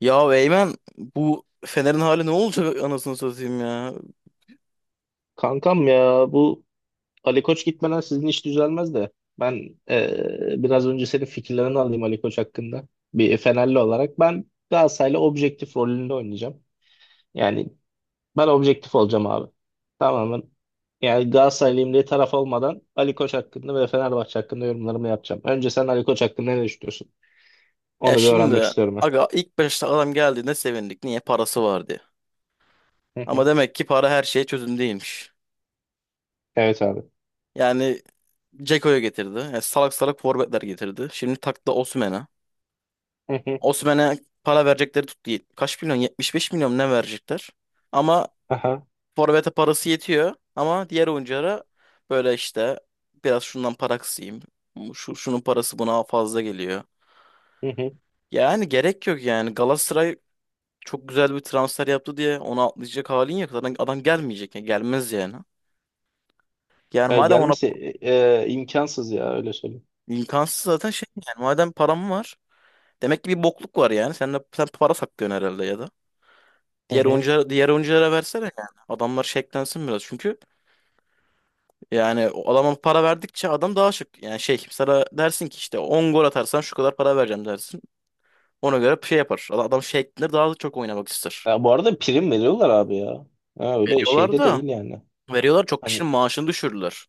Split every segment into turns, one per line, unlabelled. Ya Eymen bu Fener'in hali ne olacak anasını satayım ya.
Kankam ya bu Ali Koç gitmeden sizin iş düzelmez de ben biraz önce senin fikirlerini alayım Ali Koç hakkında. Bir Fenerli olarak ben Galatasaray'la objektif rolünde oynayacağım. Yani ben objektif olacağım abi. Tamamen yani Galatasaraylıyım diye taraf olmadan Ali Koç hakkında ve Fenerbahçe hakkında yorumlarımı yapacağım. Önce sen Ali Koç hakkında ne düşünüyorsun?
Ya
Onu bir öğrenmek
şimdi
istiyorum ben.
aga ilk başta adam geldiğinde sevindik. Niye? Parası vardı.
Hı
Ama
hı.
demek ki para her şeye çözüm değilmiş.
Evet abi.
Yani Ceko'yu getirdi. Yani salak salak forvetler getirdi. Şimdi taktı Osimhen'e.
Hı hı.
Osimhen'e para verecekleri tuttu. Kaç milyon? 75 milyon ne verecekler? Ama
Aha.
forvete parası yetiyor. Ama diğer oyunculara böyle işte biraz şundan para kısayım. Şu, şunun parası buna fazla geliyor.
Hı hı.
Yani gerek yok yani. Galatasaray çok güzel bir transfer yaptı diye onu atlayacak halin yok. Zaten adam gelmeyecek. Yani gelmez yani. Yani
Ya
madem ona
gelmişse e, imkansız ya öyle söyleyeyim.
imkansız zaten şey yani. Madem param var. Demek ki bir bokluk var yani. Sen de sen para saklıyorsun herhalde ya da. Diğer oyunculara, diğer oyunculara versene yani. Adamlar şeklensin biraz. Çünkü yani o adama para verdikçe adam daha şık. Yani şey sana dersin ki işte 10 gol atarsan şu kadar para vereceğim dersin. Ona göre şey yapar. Adam şeklenir daha da çok oynamak ister.
Ya bu arada prim veriyorlar abi ya. Ha, öyle
Veriyorlar
şeyde
da.
değil yani.
Veriyorlar çok
Hani
kişinin maaşını düşürdüler.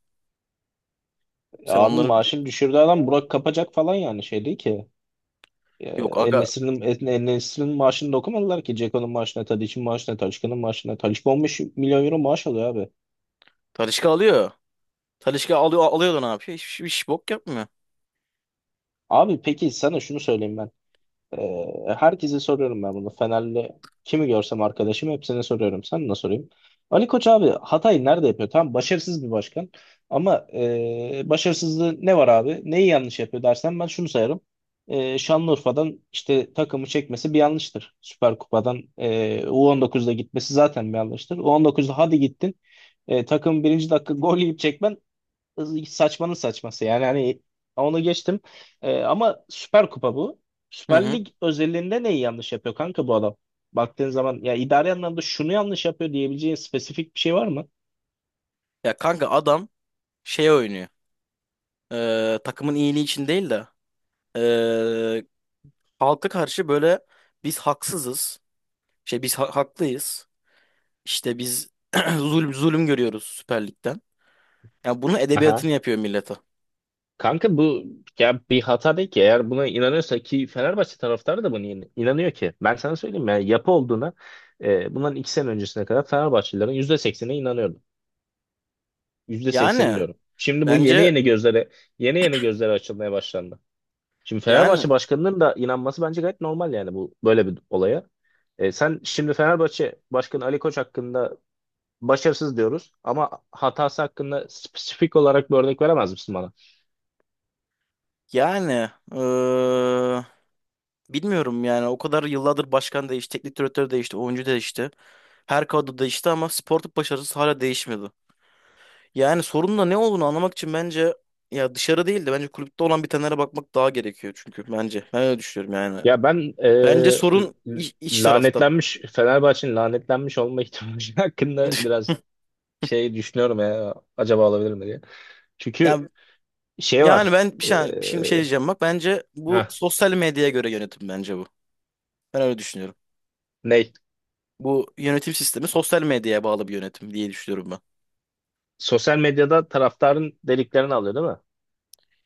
Sen
abi
onları
maaşını düşürdüğü adam Burak kapacak falan yani şey değil ki. Ee,
yok aga
En-Nesyri'nin En-Nesyri'nin maaşını dokumadılar ki. Ceko'nun maaşına, Tadic'in maaşına, Talisca'nın maaşına. Talisca 15 milyon euro maaş alıyor abi.
Talisca alıyor. Talisca alıyor da ne yapıyor? Hiç bok yapmıyor.
Abi peki sana şunu söyleyeyim ben. Herkese soruyorum ben bunu. Fenerli kimi görsem arkadaşım hepsine soruyorum. Sen ne sorayım? Ali Koç abi hatayı nerede yapıyor? Tamam başarısız bir başkan. Ama başarısızlığı ne var abi? Neyi yanlış yapıyor dersen ben şunu sayarım. Şanlıurfa'dan işte takımı çekmesi bir yanlıştır. Süper Kupa'dan U19'da gitmesi zaten bir yanlıştır. U19'da hadi gittin. Takım birinci dakika gol yiyip çekmen saçmanın saçması yani hani onu geçtim. Ama Süper Kupa bu.
Hı
Süper
hı.
Lig özelliğinde neyi yanlış yapıyor kanka bu adam? Baktığın zaman ya idari anlamda şunu yanlış yapıyor diyebileceğin spesifik bir şey var mı?
Ya kanka adam şey oynuyor. Takımın iyiliği için değil de ee, halka karşı böyle biz haksızız. Şey biz haklıyız. İşte biz zulüm görüyoruz Süper Lig'den. Ya bunun
Aha.
edebiyatını yapıyor millete.
Kanka bu ya bir hata değil ki. Eğer buna inanıyorsa ki Fenerbahçe taraftarı da buna inanıyor ki. Ben sana söyleyeyim yani yapı olduğuna bundan 2 sene öncesine kadar Fenerbahçelilerin %80'ine inanıyordu. %80
Yani
diyorum. Şimdi bu yeni
bence
yeni gözlere yeni yeni gözlere açılmaya başlandı. Şimdi
yani
Fenerbahçe başkanının da inanması bence gayet normal yani bu böyle bir olaya. Sen şimdi Fenerbahçe Başkanı Ali Koç hakkında başarısız diyoruz ama hatası hakkında spesifik olarak bir örnek veremez misin bana?
yani eee, bilmiyorum yani o kadar yıllardır başkan değişti, teknik direktör değişti, oyuncu değişti. Her kadro değişti ama sportif başarısı hala değişmedi. Yani sorunun da ne olduğunu anlamak için bence ya dışarı değil de bence kulüpte olan bitenlere bakmak daha gerekiyor çünkü bence. Ben öyle düşünüyorum yani.
Ya ben
Bence sorun
l-
iç tarafta.
lanetlenmiş Fenerbahçe'nin lanetlenmiş olma ihtimali hakkında biraz şey düşünüyorum ya acaba olabilir mi diye. Çünkü
Yani
şey
yani
var.
ben bir şey şimdi bir şey diyeceğim bak bence bu
Ha
sosyal medyaya göre yönetim bence bu. Ben öyle düşünüyorum.
ne?
Bu yönetim sistemi sosyal medyaya bağlı bir yönetim diye düşünüyorum ben.
Sosyal medyada taraftarın deliklerini alıyor değil mi?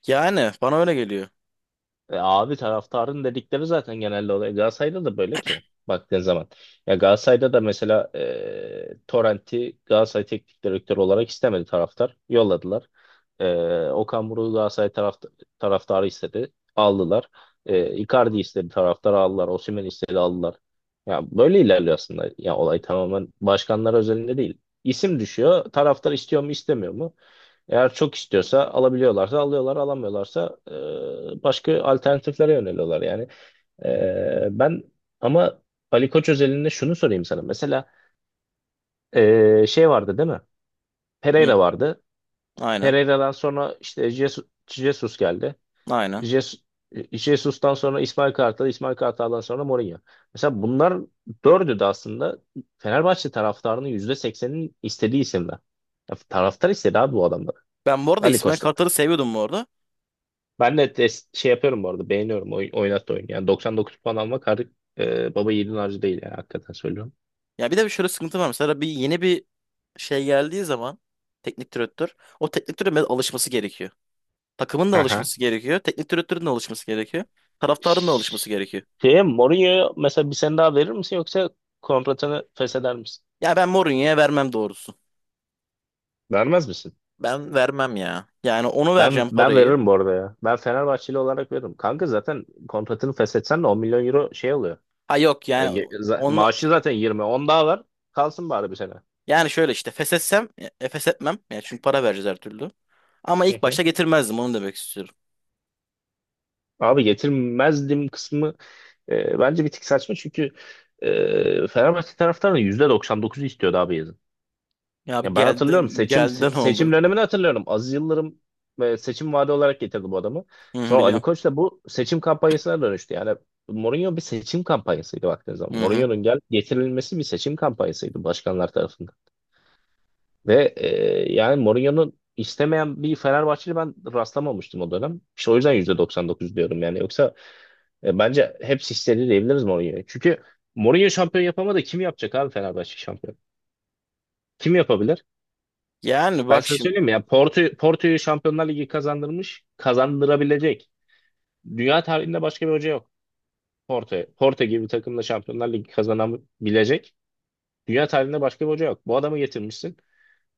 Yani bana öyle geliyor.
Abi taraftarın dedikleri zaten genelde oluyor. Galatasaray'da da böyle ki baktığın zaman. Ya Galatasaray'da da mesela Torrent'i Galatasaray teknik direktörü olarak istemedi taraftar. Yolladılar. E, Okan Buruk'u Galatasaray taraftarı istedi. Aldılar. Icardi istedi taraftar aldılar. Osimhen istedi aldılar. Ya böyle ilerliyor aslında. Ya olay tamamen başkanlar özelinde değil. İsim düşüyor. Taraftar istiyor mu istemiyor mu? Eğer çok istiyorsa alabiliyorlarsa alıyorlar, alamıyorlarsa başka alternatiflere yöneliyorlar yani. E, ben ama Ali Koç özelinde şunu sorayım sana. Mesela şey vardı değil mi?
Hı,
Pereira vardı.
aynen.
Pereira'dan sonra işte Jesus geldi.
Aynen.
Jesus, Jesus'tan sonra İsmail Kartal, İsmail Kartal'dan sonra Mourinho. Mesela bunlar dördü de aslında Fenerbahçe taraftarının yüzde seksenin istediği isimler. Ya taraftar istedi abi bu adamları.
Ben bu arada
Ali
İsmail
Koç
Kartal'ı seviyordum bu arada.
Ben de şey yapıyorum bu arada beğeniyorum oynat oyun. Yani 99 puan almak artık baba yiğidin harcı değil yani hakikaten söylüyorum.
Ya bir de şöyle sıkıntı var. Mesela yeni bir şey geldiği zaman teknik direktör o teknik direktörün biraz alışması gerekiyor. Takımın da
Aha.
alışması gerekiyor. Teknik direktörün de alışması gerekiyor. Taraftarın da
Ş-
alışması gerekiyor.
Şeye Mourinho'ya mesela bir sene daha verir misin yoksa kontratını fesheder misin?
Ya ben Mourinho'ya vermem doğrusu.
Vermez misin?
Ben vermem ya. Yani onu
Ben
vereceğim
ben
parayı.
veririm bu arada ya. Ben Fenerbahçeli olarak veririm. Kanka zaten kontratını feshetsen de 10 milyon euro şey oluyor.
Ha yok yani onu
Maaşı zaten 20. 10 daha var. Kalsın bari bir sene.
yani şöyle işte feshetsem feshetmem. Yani çünkü para vereceğiz her türlü. Ama
Hı
ilk
hı.
başta getirmezdim onu demek istiyorum.
Abi getirmezdim kısmı bence bir tık saçma çünkü Fenerbahçe taraftarının %99'u istiyordu abi yazın.
Ya abi
Ya ben
geldi
hatırlıyorum
geldi ne
seçim
oldu?
dönemini hatırlıyorum. Aziz Yıldırım seçim vaadi olarak getirdi bu adamı.
Hı hı,
Sonra Ali
biliyorum.
Koç da bu seçim kampanyasına dönüştü. Yani Mourinho bir seçim kampanyasıydı baktığın zaman.
Hı hı.
Mourinho'nun getirilmesi bir seçim kampanyasıydı başkanlar tarafından. Ve yani Mourinho'nun istemeyen bir Fenerbahçeli ben rastlamamıştım o dönem. İşte o yüzden %99 diyorum yani. Yoksa bence hepsi istedi diyebiliriz Mourinho'ya. Çünkü Mourinho şampiyon yapamadı. Kim yapacak abi Fenerbahçe şampiyon? Kim yapabilir?
Yani
Ben
bak
sana
şimdi.
söyleyeyim mi? Ya Porto'yu Şampiyonlar Ligi kazandırmış, kazandırabilecek. Dünya tarihinde başka bir hoca yok. Porto gibi bir takımla Şampiyonlar Ligi kazanabilecek. Dünya tarihinde başka bir hoca yok. Bu adamı getirmişsin.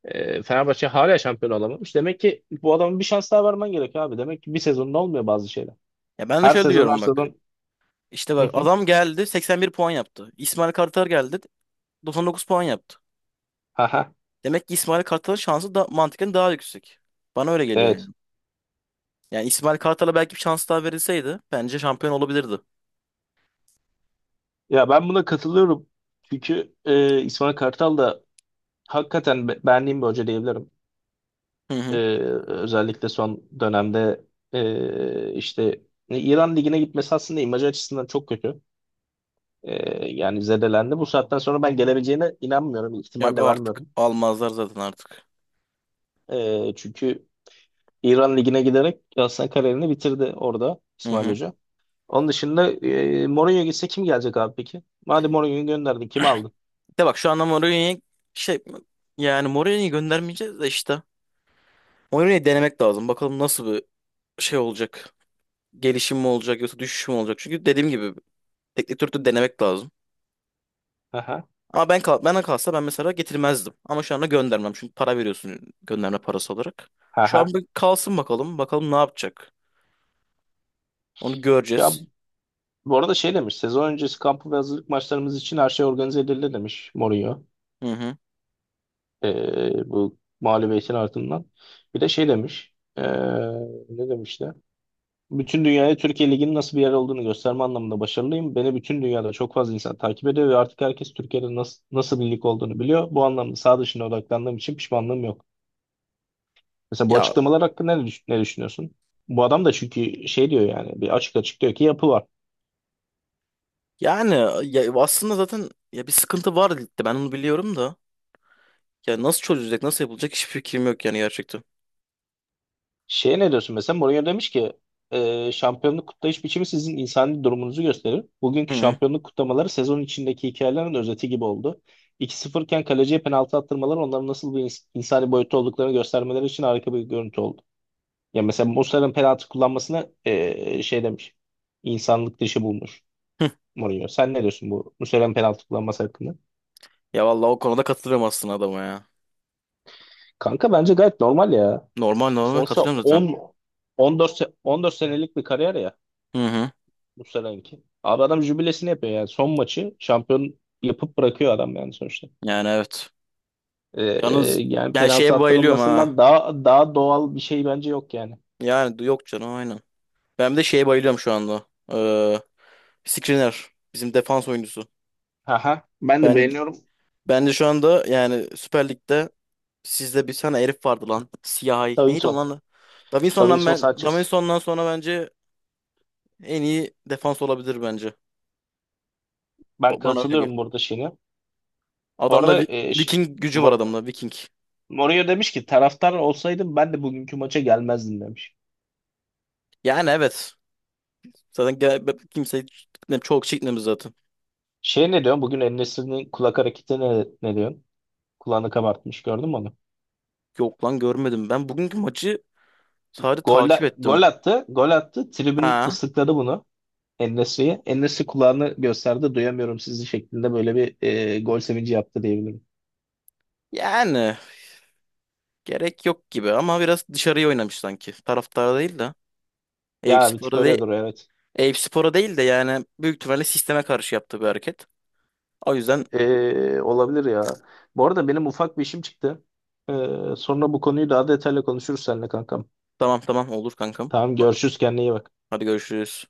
Fenerbahçe hala şampiyon olamamış. Demek ki bu adamın bir şans daha vermen gerekiyor abi. Demek ki bir sezonda olmuyor bazı şeyler.
Ya ben de
Her
şöyle
sezon her
diyorum bak.
sezon.
İşte
Hı
bak
hı.
adam geldi 81 puan yaptı. İsmail Kartal geldi 99 puan yaptı.
Aha.
Demek ki İsmail Kartal'ın şansı da mantıken daha yüksek. Bana öyle geliyor yani.
Evet.
Yani İsmail Kartal'a belki bir şans daha verilseydi bence şampiyon olabilirdi.
Ya ben buna katılıyorum. Çünkü İsmail Kartal da hakikaten beğendiğim bir hoca diyebilirim.
Hı
E,
hı.
Özellikle son dönemde işte İran Ligi'ne gitmesi aslında imajı açısından çok kötü. E, Yani zedelendi. Bu saatten sonra ben gelebileceğine inanmıyorum. İhtimal
Yok
de
artık
vermiyorum.
almazlar zaten artık.
Çünkü İran Ligi'ne giderek aslında kariyerini bitirdi orada
Hı
İsmail
hı.
Hoca. Onun dışında Mourinho gitse kim gelecek abi peki? Madem Mourinho'yu gönderdin kim aldın?
De bak şu anda Mourinho'yu şey yani Mourinho'yu göndermeyeceğiz de işte. Mourinho'yu denemek lazım. Bakalım nasıl bir şey olacak. Gelişim mi olacak yoksa düşüş mü olacak? Çünkü dediğim gibi teknik direktörü denemek lazım.
Aha.
Ama ben kal bana kalsa ben mesela getirmezdim. Ama şu anda göndermem. Çünkü para veriyorsun gönderme parası olarak. Şu an
Aha.
bir kalsın bakalım. Bakalım ne yapacak. Onu
Ya
göreceğiz.
bu arada şey demiş, sezon öncesi kampı ve hazırlık maçlarımız için her şey organize edildi demiş Mourinho.
Hı hı.
Bu mağlubiyetin ardından. Bir de şey demiş, ne demişti? Bütün dünyaya Türkiye Ligi'nin nasıl bir yer olduğunu gösterme anlamında başarılıyım. Beni bütün dünyada çok fazla insan takip ediyor ve artık herkes Türkiye'de nasıl bir lig olduğunu biliyor. Bu anlamda sağ dışına odaklandığım için pişmanlığım yok. Mesela bu
Ya
açıklamalar hakkında ne düşünüyorsun? Bu adam da çünkü şey diyor yani, bir açık açık diyor ki yapı var.
yani ya aslında zaten ya bir sıkıntı var ligde. Ben onu biliyorum da. Ya nasıl çözülecek, nasıl yapılacak hiçbir fikrim yok yani gerçekten.
Şeye ne diyorsun mesela? Mourinho demiş ki şampiyonluk kutlayış biçimi sizin insani durumunuzu gösterir.
Hı
Bugünkü
hı.
şampiyonluk kutlamaları sezon içindeki hikayelerin özeti gibi oldu. 2-0 iken kaleciye penaltı attırmaları onların nasıl bir insani boyutta olduklarını göstermeleri için harika bir görüntü oldu. Ya mesela Muslera'nın penaltı kullanmasına şey demiş. İnsanlık dışı bulmuş
Hı.
Mourinho. Sen ne diyorsun bu Muslera'nın penaltı kullanması hakkında?
Ya vallahi o konuda katılıyorum aslında adama ya.
Kanka bence gayet normal ya.
Normal normal
Sonuçta
katılıyorum zaten.
14 senelik bir kariyer ya.
Hı hı.
Bu seneki. Abi adam jübilesini yapıyor yani. Son maçı şampiyon yapıp bırakıyor adam yani sonuçta.
Yani evet.
Ee,
Yalnız
Yani
ben
penaltı
şeye bayılıyorum ha.
attırılmasından daha doğal bir şey bence yok yani.
Yani yok canım aynen. Ben bir de şeye bayılıyorum şu anda. Ee, Skriniar. Bizim defans oyuncusu.
Aha, ben de
Ben
beğeniyorum.
ben de şu anda yani Süper Lig'de sizde bir tane herif vardı lan. Siyahi. Neydi o
Davinson.
lan? Davinson'dan
Davinson
ben
Sanchez.
Davinson'dan sonra bence en iyi defans olabilir bence.
Ben
Bana öyle
katılıyorum
geliyor.
burada şeyine. Bu
Adamda
arada
Vi- Viking gücü var
Mor-
adamda Viking.
Mourinho demiş ki taraftar olsaydım ben de bugünkü maça gelmezdim demiş.
Yani evet. Zaten kimse çok çekmemiz zaten.
Şey ne diyorsun? Bugün En-Nesyri'nin kulak hareketi ne diyorsun? Kulağını kabartmış gördün mü onu?
Yok lan görmedim. Ben bugünkü maçı sadece
Gol,
takip ettim.
Gol attı. Gol attı. Tribün
Ha.
ıslıkladı bunu. En-Nesyri'ye. En-Nesri kulağını gösterdi duyamıyorum sizi şeklinde böyle bir gol sevinci yaptı diyebilirim.
Yani. Gerek yok gibi ama biraz dışarıya oynamış sanki. Taraftara değil de. Eyüp
Ya bir tık
Spor'a
öyle
değil,
doğru evet.
Eyüp Spor'a değil de yani büyük ihtimalle sisteme karşı yaptığı bir hareket. O yüzden
Olabilir ya. Bu arada benim ufak bir işim çıktı. E, Sonra bu konuyu daha detaylı konuşuruz seninle kankam.
tamam tamam olur kankam.
Tamam görüşürüz kendine iyi bak.
Hadi görüşürüz.